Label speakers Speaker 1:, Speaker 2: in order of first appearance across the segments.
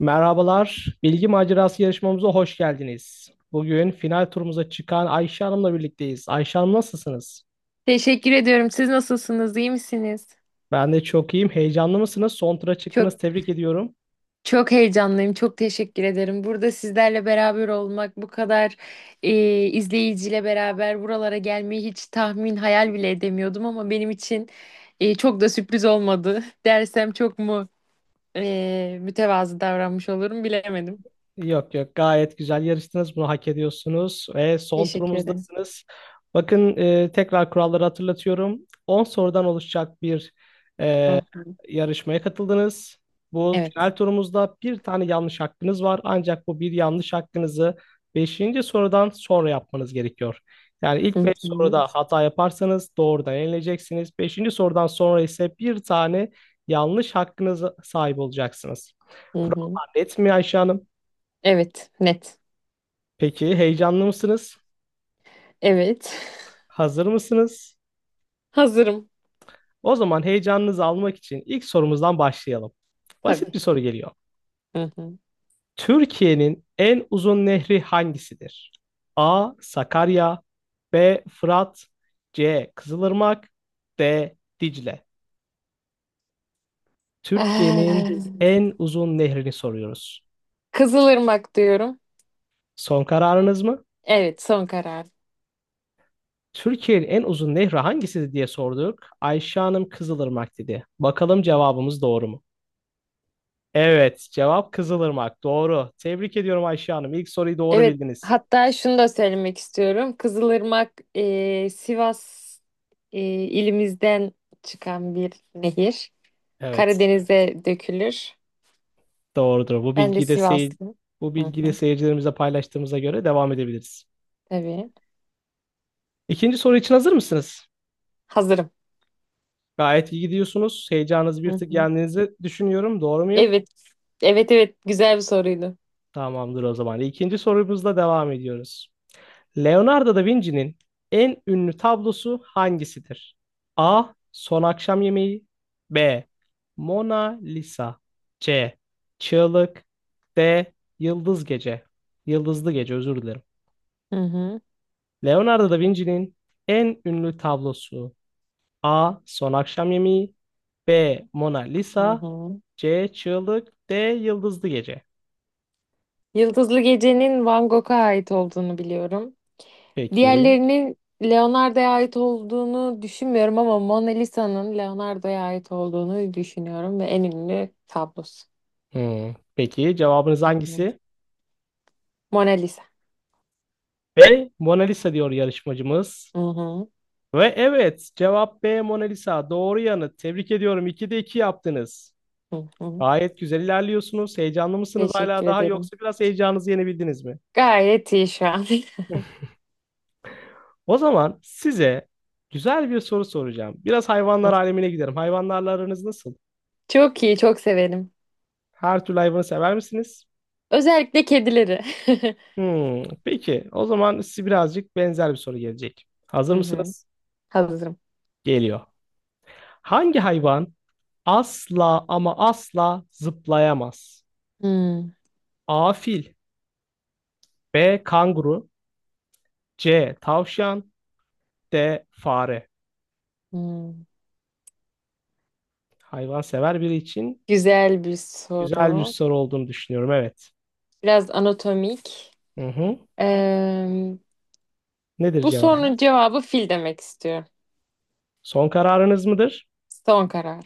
Speaker 1: Merhabalar, Bilgi Macerası yarışmamıza hoş geldiniz. Bugün final turumuza çıkan Ayşe Hanım'la birlikteyiz. Ayşe Hanım nasılsınız?
Speaker 2: Teşekkür ediyorum. Siz nasılsınız? İyi misiniz?
Speaker 1: Ben de çok iyiyim. Heyecanlı mısınız? Son tura
Speaker 2: Çok
Speaker 1: çıktınız. Tebrik ediyorum.
Speaker 2: çok heyecanlıyım. Çok teşekkür ederim. Burada sizlerle beraber olmak, bu kadar izleyiciyle beraber buralara gelmeyi hiç tahmin, hayal bile edemiyordum ama benim için çok da sürpriz olmadı. Dersem çok mu mütevazı davranmış olurum bilemedim.
Speaker 1: Yok yok, gayet güzel yarıştınız. Bunu hak ediyorsunuz ve son
Speaker 2: Teşekkür ederim.
Speaker 1: turumuzdasınız. Bakın, tekrar kuralları hatırlatıyorum. 10 sorudan oluşacak bir e,
Speaker 2: Hı hı.
Speaker 1: yarışmaya katıldınız. Bu
Speaker 2: Evet.
Speaker 1: final turumuzda bir tane yanlış hakkınız var. Ancak bu bir yanlış hakkınızı beşinci sorudan sonra yapmanız gerekiyor. Yani ilk
Speaker 2: Hı
Speaker 1: 5
Speaker 2: hı.
Speaker 1: soruda hata yaparsanız doğrudan eleneceksiniz. Beşinci sorudan sonra ise bir tane yanlış hakkınıza sahip olacaksınız.
Speaker 2: Hı hı.
Speaker 1: Kurallar net mi Ayşe Hanım?
Speaker 2: Evet, net.
Speaker 1: Peki heyecanlı mısınız?
Speaker 2: Evet.
Speaker 1: Hazır mısınız?
Speaker 2: Hazırım
Speaker 1: O zaman heyecanınızı almak için ilk sorumuzdan başlayalım. Basit
Speaker 2: tabii.
Speaker 1: bir soru geliyor.
Speaker 2: Hı hı.
Speaker 1: Türkiye'nin en uzun nehri hangisidir? A. Sakarya, B. Fırat, C. Kızılırmak, D. Dicle.
Speaker 2: Ah.
Speaker 1: Türkiye'nin en uzun nehrini soruyoruz.
Speaker 2: Kızılırmak diyorum.
Speaker 1: Son kararınız mı?
Speaker 2: Evet, son karar.
Speaker 1: Türkiye'nin en uzun nehri hangisidir diye sorduk. Ayşe Hanım Kızılırmak dedi. Bakalım cevabımız doğru mu? Evet, cevap Kızılırmak. Doğru. Tebrik ediyorum Ayşe Hanım. İlk soruyu doğru
Speaker 2: Evet,
Speaker 1: bildiniz.
Speaker 2: hatta şunu da söylemek istiyorum. Kızılırmak Sivas ilimizden çıkan bir nehir.
Speaker 1: Evet.
Speaker 2: Karadeniz'e dökülür.
Speaker 1: Doğrudur. Bu
Speaker 2: Ben de
Speaker 1: bilgiyi de sey
Speaker 2: Sivaslı.
Speaker 1: bu
Speaker 2: Hı
Speaker 1: bilgiyi de
Speaker 2: hı,
Speaker 1: seyircilerimize paylaştığımıza göre devam edebiliriz.
Speaker 2: tabii.
Speaker 1: İkinci soru için hazır mısınız?
Speaker 2: Hazırım.
Speaker 1: Gayet iyi gidiyorsunuz. Heyecanınızı bir
Speaker 2: Hı
Speaker 1: tık
Speaker 2: hı.
Speaker 1: yendiğinizi düşünüyorum. Doğru muyum?
Speaker 2: Evet, evet, evet. Güzel bir soruydu.
Speaker 1: Tamamdır o zaman. İkinci sorumuzla devam ediyoruz. Leonardo da Vinci'nin en ünlü tablosu hangisidir? A. Son Akşam Yemeği, B. Mona Lisa, C. Çığlık, D. Yıldız Gece Yıldızlı Gece. Özür dilerim.
Speaker 2: Hı hı,
Speaker 1: Leonardo da Vinci'nin en ünlü tablosu, A. Son Akşam Yemeği, B. Mona
Speaker 2: hı
Speaker 1: Lisa,
Speaker 2: hı.
Speaker 1: C. Çığlık, D. Yıldızlı Gece.
Speaker 2: Yıldızlı Gece'nin Van Gogh'a ait olduğunu biliyorum.
Speaker 1: Peki.
Speaker 2: Diğerlerinin Leonardo'ya ait olduğunu düşünmüyorum ama Mona Lisa'nın Leonardo'ya ait olduğunu düşünüyorum ve en ünlü tablosu.
Speaker 1: Hmm. Peki cevabınız
Speaker 2: Hı hı.
Speaker 1: hangisi?
Speaker 2: Mona Lisa.
Speaker 1: B. Mona Lisa diyor yarışmacımız.
Speaker 2: Hı hı.
Speaker 1: Ve evet, cevap B. Mona Lisa. Doğru yanıt. Tebrik ediyorum. 2'de 2 yaptınız.
Speaker 2: Hı hı.
Speaker 1: Gayet güzel ilerliyorsunuz. Heyecanlı mısınız hala
Speaker 2: Teşekkür
Speaker 1: daha,
Speaker 2: ederim.
Speaker 1: yoksa biraz heyecanınızı yenebildiniz mi?
Speaker 2: Gayet iyi şu an.
Speaker 1: O zaman size güzel bir soru soracağım. Biraz hayvanlar alemine giderim. Hayvanlarla aranız nasıl?
Speaker 2: Çok iyi, çok severim.
Speaker 1: Her türlü hayvanı sever misiniz?
Speaker 2: Özellikle kedileri.
Speaker 1: Hmm, peki, o zaman size birazcık benzer bir soru gelecek. Hazır
Speaker 2: Hı hı.
Speaker 1: mısınız?
Speaker 2: Hazırım.
Speaker 1: Geliyor. Hangi hayvan asla ama asla zıplayamaz?
Speaker 2: Hı
Speaker 1: A. Fil, B. Kanguru, C. Tavşan, D. Fare.
Speaker 2: hı.
Speaker 1: Hayvan sever biri için
Speaker 2: Güzel bir
Speaker 1: güzel bir
Speaker 2: soru.
Speaker 1: soru olduğunu düşünüyorum. Evet.
Speaker 2: Biraz anatomik.
Speaker 1: Hı hı.
Speaker 2: Eee,
Speaker 1: Nedir
Speaker 2: bu
Speaker 1: cevabı?
Speaker 2: sorunun cevabı fil demek istiyorum.
Speaker 1: Son kararınız mıdır?
Speaker 2: Son karar.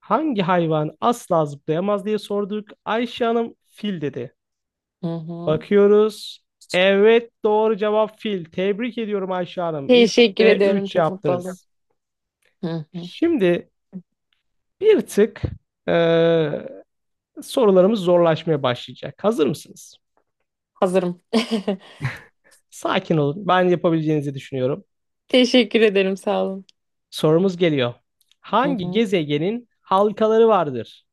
Speaker 1: Hangi hayvan asla zıplayamaz diye sorduk. Ayşe Hanım fil dedi.
Speaker 2: Hı hı.
Speaker 1: Bakıyoruz. Evet, doğru cevap fil. Tebrik ediyorum Ayşe Hanım.
Speaker 2: Teşekkür
Speaker 1: 3'te
Speaker 2: ediyorum.
Speaker 1: 3
Speaker 2: Çok mutlu oldum.
Speaker 1: yaptınız.
Speaker 2: Hı hı.
Speaker 1: Şimdi bir tık eee, sorularımız zorlaşmaya başlayacak. Hazır mısınız?
Speaker 2: Hazırım.
Speaker 1: Sakin olun. Ben yapabileceğinizi düşünüyorum.
Speaker 2: Teşekkür ederim. Sağ olun.
Speaker 1: Sorumuz geliyor.
Speaker 2: Hı
Speaker 1: Hangi
Speaker 2: hı.
Speaker 1: gezegenin halkaları vardır?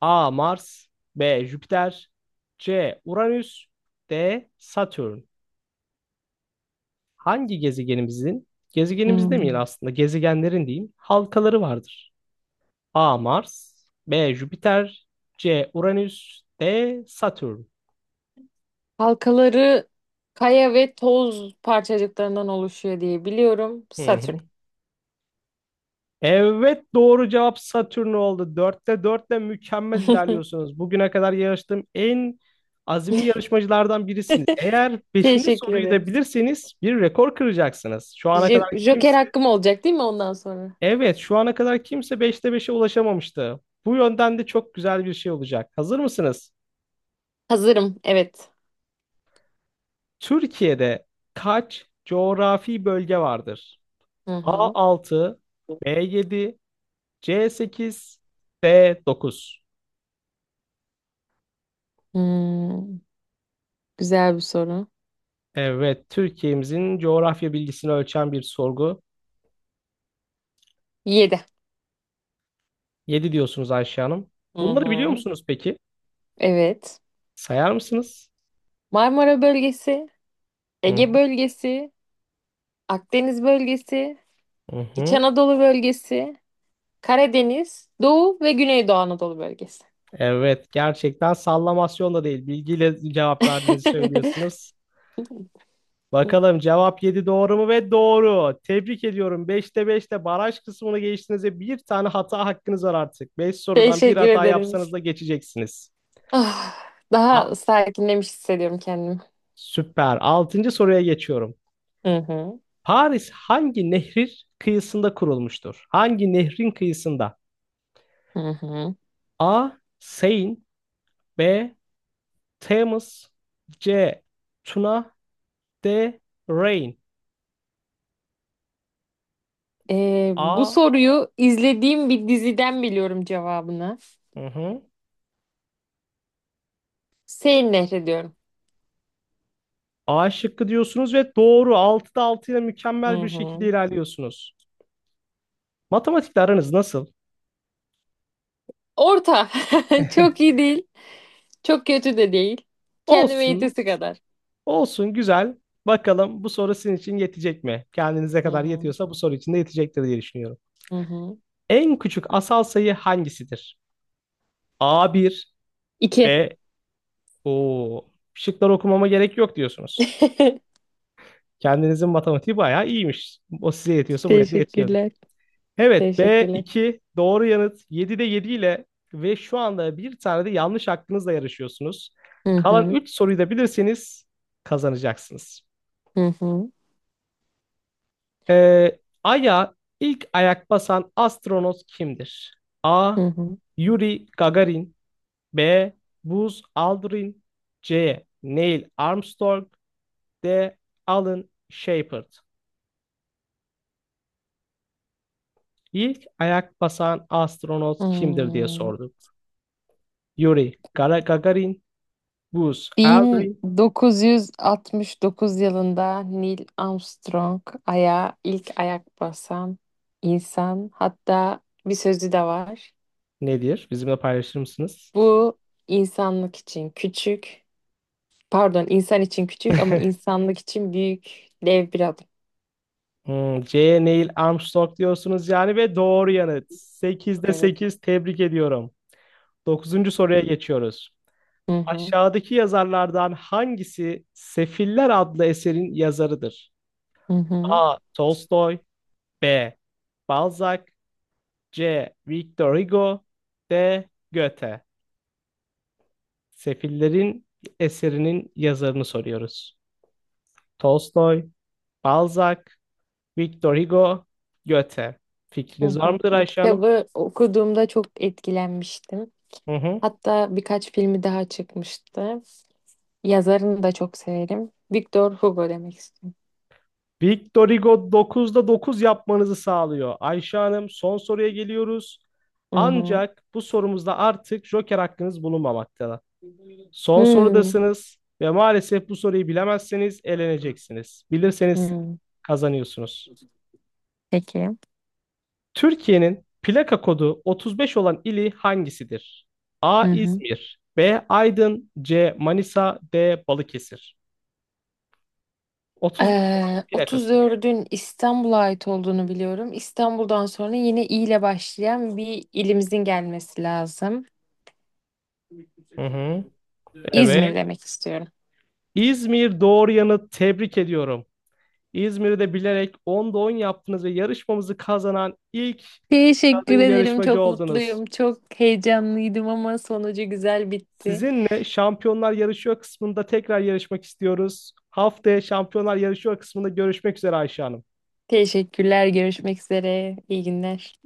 Speaker 1: A. Mars, B. Jüpiter, C. Uranüs, D. Satürn. Hangi gezegenimizin, gezegenimiz demeyelim
Speaker 2: Hmm.
Speaker 1: aslında, gezegenlerin diyeyim, halkaları vardır? A. Mars, B. Jüpiter, C. Uranüs, D. Satürn.
Speaker 2: Halkaları kaya ve toz parçacıklarından oluşuyor diye biliyorum.
Speaker 1: Hı
Speaker 2: Satürn.
Speaker 1: hı. Evet, doğru cevap Satürn oldu. Dörtte dörtle mükemmel ilerliyorsunuz. Bugüne kadar yarıştığım en azimli yarışmacılardan birisiniz. Eğer beşinci
Speaker 2: Teşekkür
Speaker 1: soruyu da
Speaker 2: ederim.
Speaker 1: bilirseniz bir rekor kıracaksınız. Şu ana kadar kimse,
Speaker 2: Joker hakkım olacak değil mi ondan sonra?
Speaker 1: evet şu ana kadar kimse beşte beşe ulaşamamıştı. Bu yönden de çok güzel bir şey olacak. Hazır mısınız?
Speaker 2: Hazırım. Evet.
Speaker 1: Türkiye'de kaç coğrafi bölge vardır?
Speaker 2: Hı
Speaker 1: A.
Speaker 2: hı.
Speaker 1: altı, B. yedi, C. sekiz, D. dokuz.
Speaker 2: Hmm, güzel bir soru.
Speaker 1: Evet, Türkiye'mizin coğrafya bilgisini ölçen bir sorgu.
Speaker 2: Yedi.
Speaker 1: Yedi diyorsunuz Ayşe Hanım.
Speaker 2: Hı
Speaker 1: Bunları biliyor
Speaker 2: hı.
Speaker 1: musunuz peki?
Speaker 2: Evet.
Speaker 1: Sayar mısınız?
Speaker 2: Marmara bölgesi,
Speaker 1: Hı
Speaker 2: Ege bölgesi, Akdeniz bölgesi,
Speaker 1: hı.
Speaker 2: İç
Speaker 1: Hı.
Speaker 2: Anadolu bölgesi, Karadeniz, Doğu ve Güneydoğu Anadolu bölgesi.
Speaker 1: Evet, gerçekten sallamasyon da değil. Bilgiyle cevap verdiğinizi söylüyorsunuz.
Speaker 2: Hı.
Speaker 1: Bakalım cevap 7 doğru mu? Ve doğru. Tebrik ediyorum. Beşte beşte baraj kısmını geçtiniz, bir tane hata hakkınız var artık. 5 sorudan bir
Speaker 2: Teşekkür
Speaker 1: hata
Speaker 2: ederim.
Speaker 1: yapsanız da geçeceksiniz.
Speaker 2: Ah,
Speaker 1: A,
Speaker 2: daha sakinlemiş hissediyorum kendimi.
Speaker 1: süper. Altıncı soruya geçiyorum.
Speaker 2: Hı hı.
Speaker 1: Paris hangi nehrin kıyısında kurulmuştur? Hangi nehrin kıyısında?
Speaker 2: Hı hı.
Speaker 1: A. Seine, B. Thames, C. Tuna, D. Rhine.
Speaker 2: Bu
Speaker 1: A.
Speaker 2: soruyu izlediğim bir diziden biliyorum cevabını.
Speaker 1: Hı hı.
Speaker 2: Seyir Nehri diyorum.
Speaker 1: A şıkkı diyorsunuz ve doğru. Altıda 6 ile mükemmel
Speaker 2: Hı
Speaker 1: bir şekilde
Speaker 2: hı.
Speaker 1: ilerliyorsunuz. Matematikle aranız nasıl?
Speaker 2: Orta. Çok iyi değil. Çok kötü de değil. Kendime
Speaker 1: Olsun,
Speaker 2: yetesi kadar.
Speaker 1: olsun, güzel. Bakalım bu soru sizin için yetecek mi? Kendinize
Speaker 2: Hı
Speaker 1: kadar
Speaker 2: hı.
Speaker 1: yetiyorsa bu soru için de yetecektir diye düşünüyorum.
Speaker 2: Hı hı.
Speaker 1: En küçük asal sayı hangisidir? A. bir,
Speaker 2: İki.
Speaker 1: B. o şıkları okumama gerek yok diyorsunuz. Kendinizin matematiği bayağı iyiymiş. O size yetiyorsa buraya da yetiyordur.
Speaker 2: Teşekkürler.
Speaker 1: Evet, B,
Speaker 2: Teşekkürler.
Speaker 1: iki, doğru yanıt. 7'de 7 ile ve şu anda bir tane de yanlış hakkınızla yarışıyorsunuz.
Speaker 2: Hı
Speaker 1: Kalan
Speaker 2: hı.
Speaker 1: 3 soruyu da bilirseniz kazanacaksınız.
Speaker 2: Hı hı.
Speaker 1: Ee, Ay'a ilk ayak basan astronot kimdir? A.
Speaker 2: Hı hı.
Speaker 1: Yuri Gagarin, B. Buzz Aldrin, C. Neil Armstrong, D. Alan Shepard. İlk ayak basan astronot kimdir diye
Speaker 2: Hmm.
Speaker 1: sorduk. Gagarin, Buzz Aldrin.
Speaker 2: 1969 yılında Neil Armstrong aya ilk ayak basan insan. Hatta bir sözü de var.
Speaker 1: Nedir? Bizimle paylaşır mısınız?
Speaker 2: Bu insanlık için küçük, pardon insan için küçük ama insanlık için büyük dev bir adım.
Speaker 1: Hmm, C. Neil Armstrong diyorsunuz yani, ve doğru yanıt. 8'de
Speaker 2: Evet.
Speaker 1: sekiz, tebrik ediyorum. Dokuzuncu soruya geçiyoruz.
Speaker 2: Hı hı.
Speaker 1: Aşağıdaki yazarlardan hangisi Sefiller adlı eserin yazarıdır?
Speaker 2: Hı hı.
Speaker 1: A. Tolstoy, B. Balzac, C. Victor Hugo, D. Goethe. Sefillerin eserinin yazarını soruyoruz. Tolstoy, Balzac, Victor Hugo, Goethe.
Speaker 2: Hı
Speaker 1: Fikriniz var
Speaker 2: hı.
Speaker 1: mıdır
Speaker 2: Bu
Speaker 1: Ayşe Hanım?
Speaker 2: kitabı okuduğumda çok etkilenmiştim.
Speaker 1: Hı hı.
Speaker 2: Hatta birkaç filmi daha çıkmıştı. Yazarını da çok severim. Victor Hugo demek istiyorum.
Speaker 1: Victorigo 9'da 9 yapmanızı sağlıyor. Ayşe Hanım, son soruya geliyoruz.
Speaker 2: Hı hı.
Speaker 1: Ancak bu sorumuzda artık Joker hakkınız bulunmamaktadır. Son
Speaker 2: Hmm,
Speaker 1: sorudasınız ve maalesef bu soruyu bilemezseniz eleneceksiniz. Bilirseniz
Speaker 2: hmm.
Speaker 1: kazanıyorsunuz.
Speaker 2: Peki.
Speaker 1: Türkiye'nin plaka kodu 35 olan ili hangisidir? A.
Speaker 2: Hı hı.
Speaker 1: İzmir, B. Aydın, C. Manisa, D. Balıkesir. 35 olan plakası.
Speaker 2: 34'ün İstanbul'a ait olduğunu biliyorum. İstanbul'dan sonra yine İ ile başlayan bir ilimizin gelmesi lazım.
Speaker 1: Hı hı.
Speaker 2: İzmir
Speaker 1: Evet.
Speaker 2: demek istiyorum.
Speaker 1: İzmir doğru yanıt, tebrik ediyorum. İzmir'i de bilerek 10'da 10 yaptınız ve yarışmamızı kazanan ilk
Speaker 2: Teşekkür
Speaker 1: kadın
Speaker 2: ederim.
Speaker 1: yarışmacı
Speaker 2: Çok
Speaker 1: oldunuz.
Speaker 2: mutluyum. Çok heyecanlıydım ama sonucu güzel bitti.
Speaker 1: Sizinle Şampiyonlar Yarışıyor kısmında tekrar yarışmak istiyoruz. Haftaya Şampiyonlar Yarışıyor kısmında görüşmek üzere Ayşe Hanım.
Speaker 2: Teşekkürler. Görüşmek üzere. İyi günler.